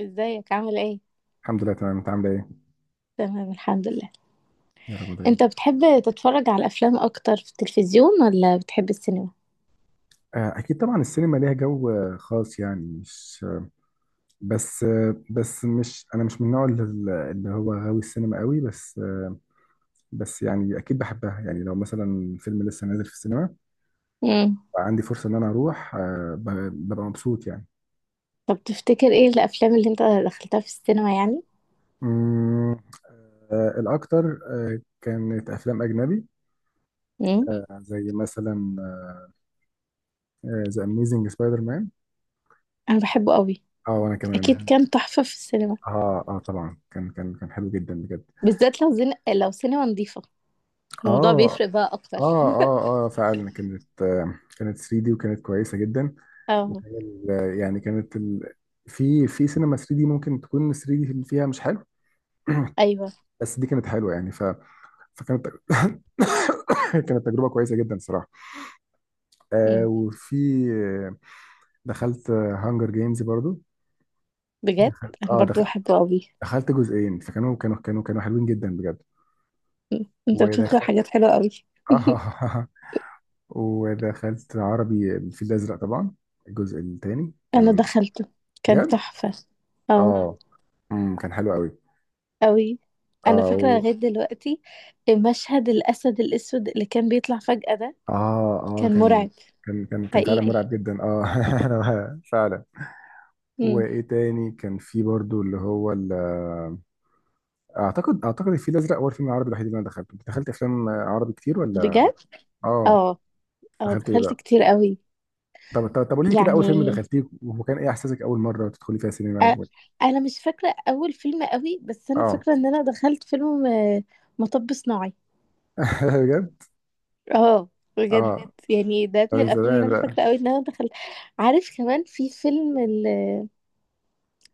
ازيك عامل ايه؟ الحمد لله، تمام. انت عامله ايه؟ تمام، الحمد لله. يا رب دايما. انت بتحب تتفرج على افلام اكتر في التلفزيون ولا بتحب السينما؟ اكيد طبعا السينما ليها جو خاص، يعني مش بس بس مش، انا مش من النوع اللي هو غاوي السينما قوي، بس بس يعني اكيد بحبها. يعني لو مثلا فيلم لسه نازل في السينما، امم. عندي فرصه ان انا اروح ببقى مبسوط يعني. طب تفتكر ايه الافلام اللي انت دخلتها في السينما يعني؟ مم، الاكتر كانت افلام اجنبي، امم. زي مثلا ذا اميزنج سبايدر مان. انا بحبه قوي. اه وانا اكيد كمان. كان تحفة في السينما. اه، اه، طبعا كان حلو جدا بجد. بالذات لو سينما نظيفة، الموضوع اه، اه، بيفرق بقى اكتر. اه، اه، فعلا كانت، كانت 3 دي وكانت كويسه جدا. اه. يعني في سينما 3 دي ممكن تكون 3 دي اللي فيها مش حلو. ايوه. بس دي كانت حلوه، فكانت كانت تجربه كويسه جدا صراحه. امم. وفي آه، دخلت هانجر جيمز برضو. بجد. دخلت انا اه برضو دخلت بحبه قوي. دخلت جزئين، فكانوا كانوا حلوين جدا بجد. مم. انت بتدخل ودخلت، حاجات حلوة قوي. اه، ودخلت عربي الفيل الازرق طبعا. الجزء الثاني انا كان دخلته، كان بجد، تحفة. اه. اه، كان حلو قوي. أوي. اه أنا كان فاكرة و... لغاية دلوقتي مشهد الأسد الأسود اللي كان بيطلع فجأة ده، اه، اه، كان كان مرعب. كان كان كان كان فعلا رايق، حقيقي. مرعب جدا، اه. أنا فعلا. امم. وايه تاني؟ كان في برضو اللي هو اعتقد الفيل الازرق هو الفيلم العربي الوحيد اللي انا دخلته. انت دخلت افلام عربي كتير ولا؟ بجد. اه اه، اه دخلت ايه دخلت بقى؟ كتير قوي. طب قولي لي كده، اول فيلم يعني، دخلتيه وكان ايه احساسك اول مره تدخلي فيها سينما أ- و... أنا مش فاكرة أول فيلم قوي، بس أنا اه. فاكرة إن أنا دخلت فيلم مطب صناعي. بجد. اه، بجد. اه، كانت يعني ده من من كانت الأفلام اللي زمان أنا بقى، مسرح. فاكرة قوي إن أنا دخلت. عارف، كمان في فيلم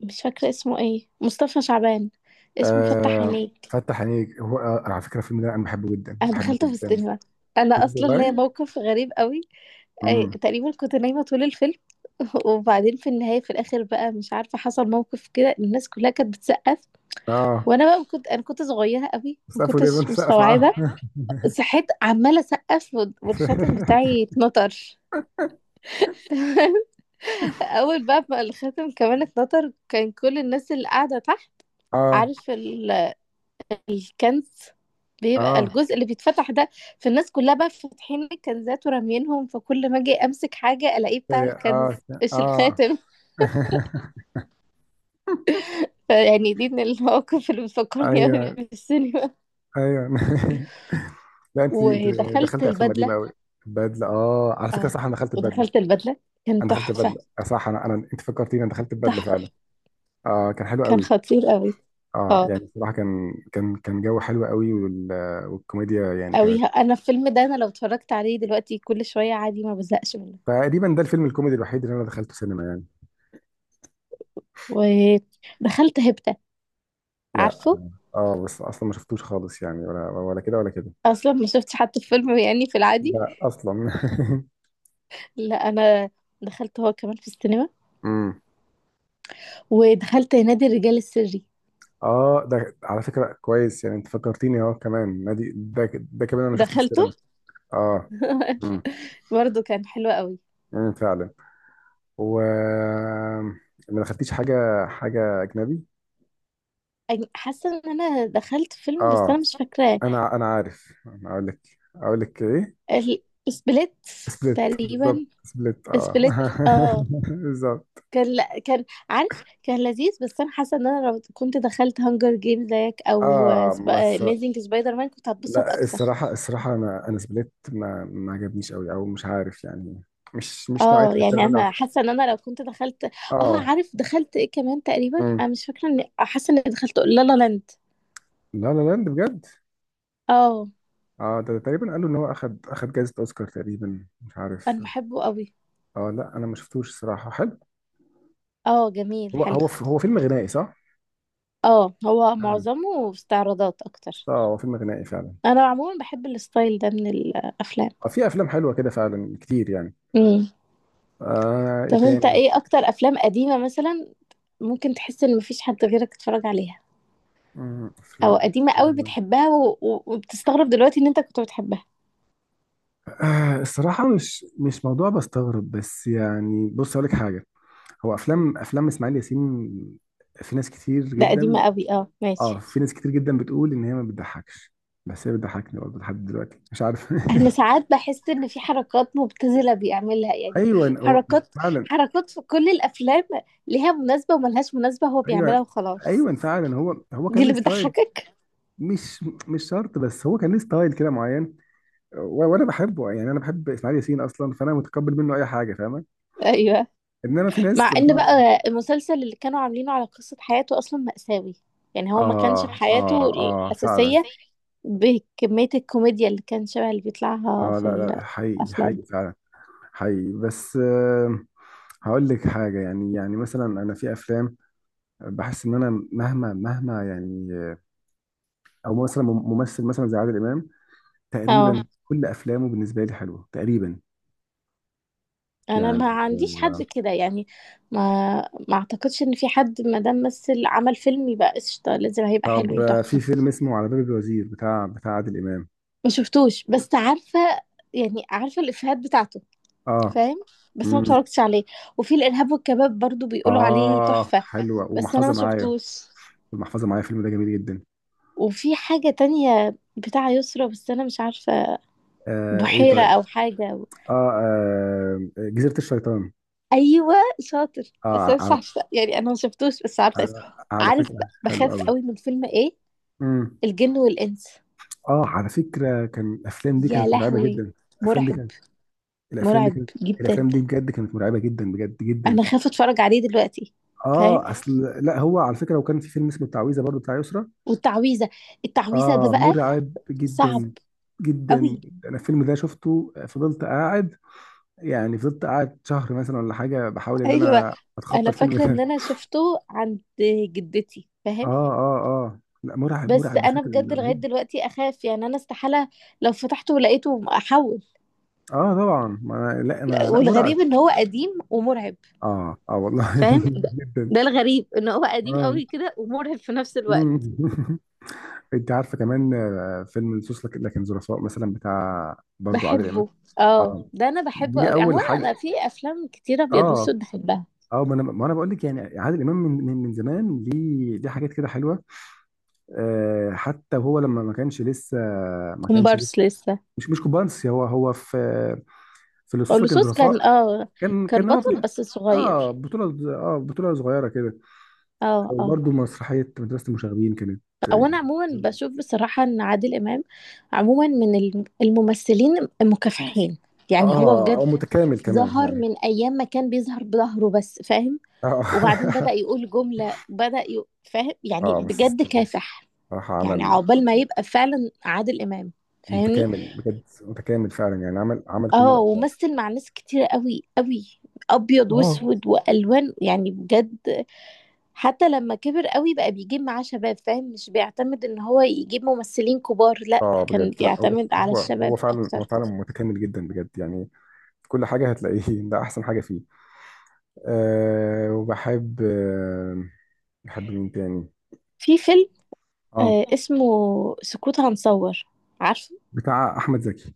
مش فاكرة اسمه ايه، مصطفى شعبان، اسمه فتح آه تحرير عينيك. فتح عينيك. هو على فكره الفيلم ده انا بحبه جدا، انا بحبه دخلت في جدا. السينما. انا بجد اصلا والله ليا أصلا. موقف غريب قوي. امم. أي تقريبا كنت نايمه طول الفيلم. وبعدين في النهايه، في الاخر بقى، مش عارفه، حصل موقف كده الناس كلها كانت بتسقف. اه، وانا بقى انا كنت صغيره قوي، ما سقفوا ليه؟ بنت كنتش سقف مستوعبه. معاهم. صحيت عماله اسقف، والخاتم مستوعبة. بتاعي اتنطر. اول بقى ما الخاتم كمان اتنطر، كان كل الناس اللي قاعده تحت، اه، عارف الكنز، بيبقى اه، أنا الجزء اللي بيتفتح ده، في الناس كلها بقى فاتحين الكنزات ورامينهم، فكل ما اجي امسك حاجه الاقيه كنت بتاع هي الكنز كده، مش اه، مش، الخاتم. اه. شايفاك. فيعني دي من المواقف اللي بتفكرني قوي ايوه. بالسينما. ايوه. لا، انت ودخلت دخلت افلام قديمه البدله. قوي. وبدلة بدله، اه، على فكره اه. صح، انا دخلت ببدله. ودخلت البدله، كان انا دخلت، صح، ببدله. تحفه. صح، انا انت فكرتيني، انا دخلت ببدله فعلا. تحفه، أيوة، اه، كان حلو كان قوي. خطير قوي. اه اه، يعني بصراحه، كان جو حلو قوي. وال... والكوميديا يعني كانت، قوي. انا الفيلم ده، انا لو اتفرجت عليه دلوقتي كل شويه عادي ما بزهقش منه. تقريبا ده الفيلم الكوميدي الوحيد اللي انا دخلته سينما يعني. ودخلت هبته، لا، عارفه. اه، بس اصلا ما شفتوش خالص يعني، ولا ولا كده ولا كده. اصلا ما شفتش حتى الفيلم يعني في العادي. لا، اصلا. لا، انا دخلت هو كمان في السينما. امم. ودخلت نادي الرجال السري، اه ده على فكره كويس، يعني انت فكرتيني اهو كمان، نادي، ده كمان انا شفته في دخلته. السينما. اه. امم. برضه كان حلو قوي. امم، فعلا. و، ما دخلتيش حاجه، اجنبي؟ أنا حاسه ان انا دخلت فيلم، بس اه، انا مش فاكراه. انا عارف، انا اقول لك، اقول لك ايه. سبليت، سبليت، بالظبط تقريبا. سبليت، اه. سبليت، اه. بالظبط. كان، لا، كان، عارف، كان لذيذ، بس انا حاسه ان انا لو كنت دخلت هانجر جيم زيك او اه بس، اميزنج سبايدر مان كنت هتبسط لا اكتر. الصراحه، انا سبليت ما عجبنيش قوي، او مش عارف يعني. مش نوعيه اه، يعني الافلام اللي انا انا. حاسه ان انا لو كنت دخلت. اه، اه. عارف دخلت ايه كمان، تقريبا مم. انا مش فاكره، ان حاسه اني دخلت لا لا لاند. لا لا لاند بجد. اه، اه ده، تقريبا قالوا ان هو اخد جائزة اوسكار تقريبا، مش انا عارف. بحبه قوي. اه لا انا ما شفتوش الصراحة، حلو. اه، جميل حلو. هو فيلم غنائي صح؟ اه، هو مم. معظمه استعراضات اكتر. اه هو فيلم غنائي فعلا. انا عموما بحب الستايل ده من الافلام. اه في افلام حلوة كده فعلا كتير يعني. امم. آه، ايه طب انت، تاني؟ ايه اكتر افلام قديمة مثلا ممكن تحس ان مفيش حد غيرك اتفرج عليها، مم. او افلام قديمة قوي قديمة. بتحبها، و... و... وبتستغرب دلوقتي ان انت كنت بتحبها؟ آه الصراحة، مش موضوع بستغرب، بس يعني بص أقول لك حاجة، هو أفلام، إسماعيل ياسين. في ناس كتير ده قديمة جدا. قوي، اه، اه ماشي. في ناس كتير جدا بتقول ان هي ما بتضحكش، بس هي بتضحكني برضه لحد دلوقتي، مش عارف. انا ساعات بحس ان في حركات مبتذلة بيعملها، يعني، ايوه هو، حركات، فعلا. حركات في كل الافلام ليها مناسبة وملهاش مناسبة، هو بيعملها ايوه، وخلاص. ايوه، فعلا هو دي كان ليه اللي ستايل. بتضحكك؟ مش شرط، بس هو كان ليه ستايل كده معين. وانا بحبه يعني، انا بحب اسماعيل ياسين اصلا، فانا متقبل منه اي حاجه، فاهمه. ايوه. انما في مع ناس ان بتقعد. بقى المسلسل اللي كانوا عاملينه على قصة حياته اصلا مأساوي، يعني هو ما كانش في اه، حياته اه، اه، فعلا. الأساسية بكمية الكوميديا اللي كان شبه اللي بيطلعها اه في لا، لا، حقيقي، الأفلام. حقيقي فعلا. حقيقي بس، آه، هقول لك حاجه يعني، مثلا انا في افلام بحس ان انا مهما، مهما يعني. او مثلا ممثل مثلا زي عادل امام، اه، تقريبا كل افلامه بالنسبه لي حلوه تقريبا انا يعني. ما عنديش حد كده، يعني ما ما اعتقدش ان في حد، ما دام مثل عمل فيلم يبقى قشطة، لازم هيبقى طب حلو في وتحفة. فيلم اسمه على باب الوزير بتاع، عادل امام. ما شفتوش بس عارفة، يعني عارفة الإفيهات بتاعته، اه. فاهم، بس ما امم. اتفرجتش عليه. وفي الارهاب والكباب برضو بيقولوا عليه اه تحفة، حلوه بس انا ما ومحفظه معايا. شفتوش. المحفظه معايا، الفيلم ده جميل جدا. وفي حاجة تانية بتاع يسرا بس انا مش عارفة، آه، ايه بحيرة طيب. او حاجة. اه، جزيره الشيطان. ايوه، شاطر، بس اه، انا مش على عارفة، يعني انا ما شفتوش، بس عارفة اسمه. على, على عارف، فكره، حلو بخاف قوي. قوي من فيلم ايه، امم. الجن والانس. اه على فكره كان الافلام دي يا كانت مرعبه لهوي، جدا. الافلام دي مرعب، كانت، الافلام دي مرعب كانت، جدا. الافلام دي بجد كانت مرعبه جدا بجد جدا. انا خايفة اتفرج عليه دلوقتي. فاهم. اه اصل لا هو على فكره، وكان في فيلم اسمه التعويذه برضو بتاع يسرا. والتعويذة، التعويذة ده اه بقى مرعب صعب جدا، جدا. قوي. انا الفيلم ده شفته، فضلت قاعد، يعني فضلت قاعد شهر مثلا ولا حاجه بحاول ان ايوه، انا انا اتخطى الفيلم فاكره ان ده. انا شفته عند جدتي، اه، فاهم. اه، اه لا، مرعب، بس مرعب انا بشكل بجد لغايه رهيب. دلوقتي اخاف، يعني انا استحاله لو فتحته لقيته احول. اه طبعا، ما أنا لا، انا لا مرعب. والغريب ان هو قديم ومرعب. اه، اه، والله فاهم، ده جدا. ده الغريب ان هو قديم اه قوي كده ومرعب في نفس الوقت. غريب. انت عارفه كمان فيلم لصوص لكن ظرفاء مثلا بتاع برضو عادل امام. بحبه. اه، اه ده انا بحبه دي قوي. اول عموما حاجه. انا في افلام كتيره ابيض اه. واسود بحبها. اه ما انا بقول لك، يعني عادل امام من زمان ليه، حاجات كده حلوه. آه حتى وهو لما ما كانش لسه، ما كانش لسه، كومبارس لسه. مش كوبانس، هو في، في لصوص لكن لصوص، كان ظرفاء. اه كان كان كان هو، بطل بس اه صغير. بطوله، بطوله صغيره كده. اه، اه، وبرضو مسرحيه مدرسه المشاغبين كانت، او انا عموما بشوف بصراحه ان عادل امام عموما من الممثلين المكافحين، يعني هو اه، بجد متكامل كمان ظهر يعني. من ايام ما كان بيظهر بظهره بس، فاهم. اه، وبعدين بدأ يقول جمله، بدأ فاهم، يعني اه بس بجد كافح، صراحة يعني عمل عقبال ما يبقى فعلا عادل امام، فاهمني. متكامل بجد، متكامل فعلا يعني، عمل كل اه، الأدوار. ومثل مع ناس كتير قوي قوي، ابيض اه، واسود والوان، يعني بجد. حتى لما كبر قوي بقى بيجيب معاه شباب، فاهم، مش بيعتمد ان هو يجيب ممثلين كبار، لا، اه كان بجد، لا هو، بيعتمد على هو الشباب هو فعلا، هو اكتر. فعلا متكامل جدا بجد يعني، في كل حاجة هتلاقيه. ده أحسن حاجة فيه. أه وبحب، أه، بحب مين تاني؟ في فيلم اه اسمه سكوت هنصور، عارفه. بتاع أحمد زكي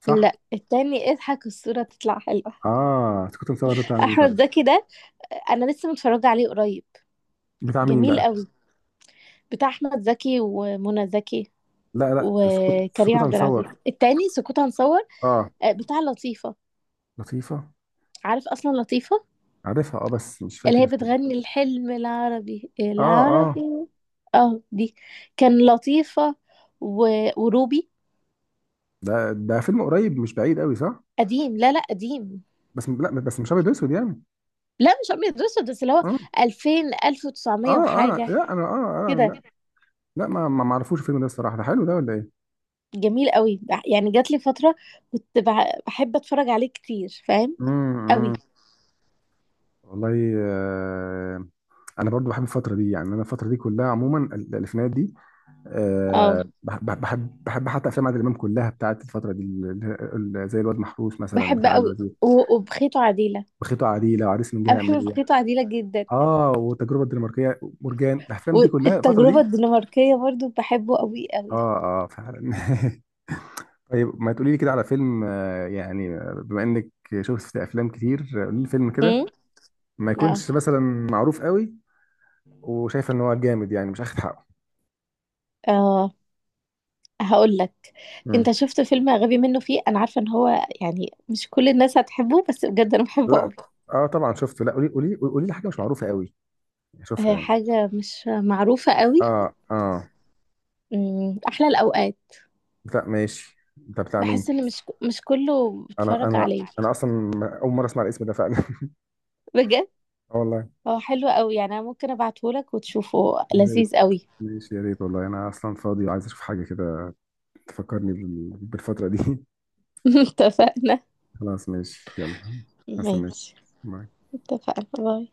صح؟ لا، التاني، اضحك الصورة تطلع حلوة. اه سكوت مصور ده بتاع مين طيب؟ احمد زكي ده، انا لسه متفرجة عليه قريب. بتاع مين جميل بقى؟ قوي. بتاع احمد زكي ومنى زكي لا، لا، سكوت وكريم سكوت عبد العزيز، مصور. التاني سكوت هنصور. اه بتاع لطيفة. لطيفة. عارف اصلا لطيفة؟ عارفها، اه بس مش اللي فاكر هي الفيلم. بتغني الحلم العربي اه، اه، العربي. اه، دي كان لطيفة و... وروبي. ده فيلم قريب، مش بعيد قوي صح؟ قديم. لا، لا، قديم. بس لا، بس مش ابيض واسود يعني. لا مش ابيض واسود، بس اللي هو اه، 2000، 1900 اه، اه وحاجة لا انا، اه، اه، كده. لا، لا، ما اعرفوش الفيلم ده الصراحه، ده حلو ده ولا ايه؟ جميل قوي، يعني جات لي فترة كنت بحب اتفرج عليه كتير، فاهم، امم. قوي. والله، آه، انا برضو بحب الفتره دي يعني، انا الفتره دي كلها عموما الالفينات دي. اه بحب حتى افلام عادل امام كلها بتاعت الفتره دي زي الواد محروس مثلا بحب بتاع قوي، الوزير، وبخيت وعديلة. وخيطه عديله، وعريس من انا جهه بحب امنيه. بخيت وعديلة جدا. اه والتجربه الدنماركيه، مرجان، الافلام دي كلها الفتره والتجربة دي. الدنماركية برضو بحبه قوي قوي. اه، اه، فعلا. طيب ما تقولي لي كده على فيلم، يعني بما انك شفت افلام كتير، قولي لي فيلم امم. كده ما اه، يكونش مثلا معروف قوي، وشايفه ان هو جامد يعني مش اخد حقه. اه، هقول لك. انت مم. شفت فيلم غبي منه، فيه، انا عارفه ان هو، يعني مش كل الناس هتحبه، بس بجد انا بحبه لا. قوي. اه طبعا شفته. لا قولي، قولي لي حاجه مش معروفه قوي اشوفها يعني. حاجه مش معروفه قوي. اه، اه احلى الاوقات. لا، ماشي، ده بتاع مين؟ بحس ان مش كله انا بيتفرج انا عليه. انا اصلا اول مره اسمع الاسم ده فعلا. بجد، اه والله. هو حلو قوي، يعني انا ممكن ابعته لك وتشوفه، يا ريت، لذيذ قوي. ماشي يا ريت والله، انا اصلا فاضي وعايز اشوف حاجه كده تفكرني بالفتره دي. اتفقنا. خلاص، ماشي، يلا. ماشي. هستناك. اتفقنا. باي.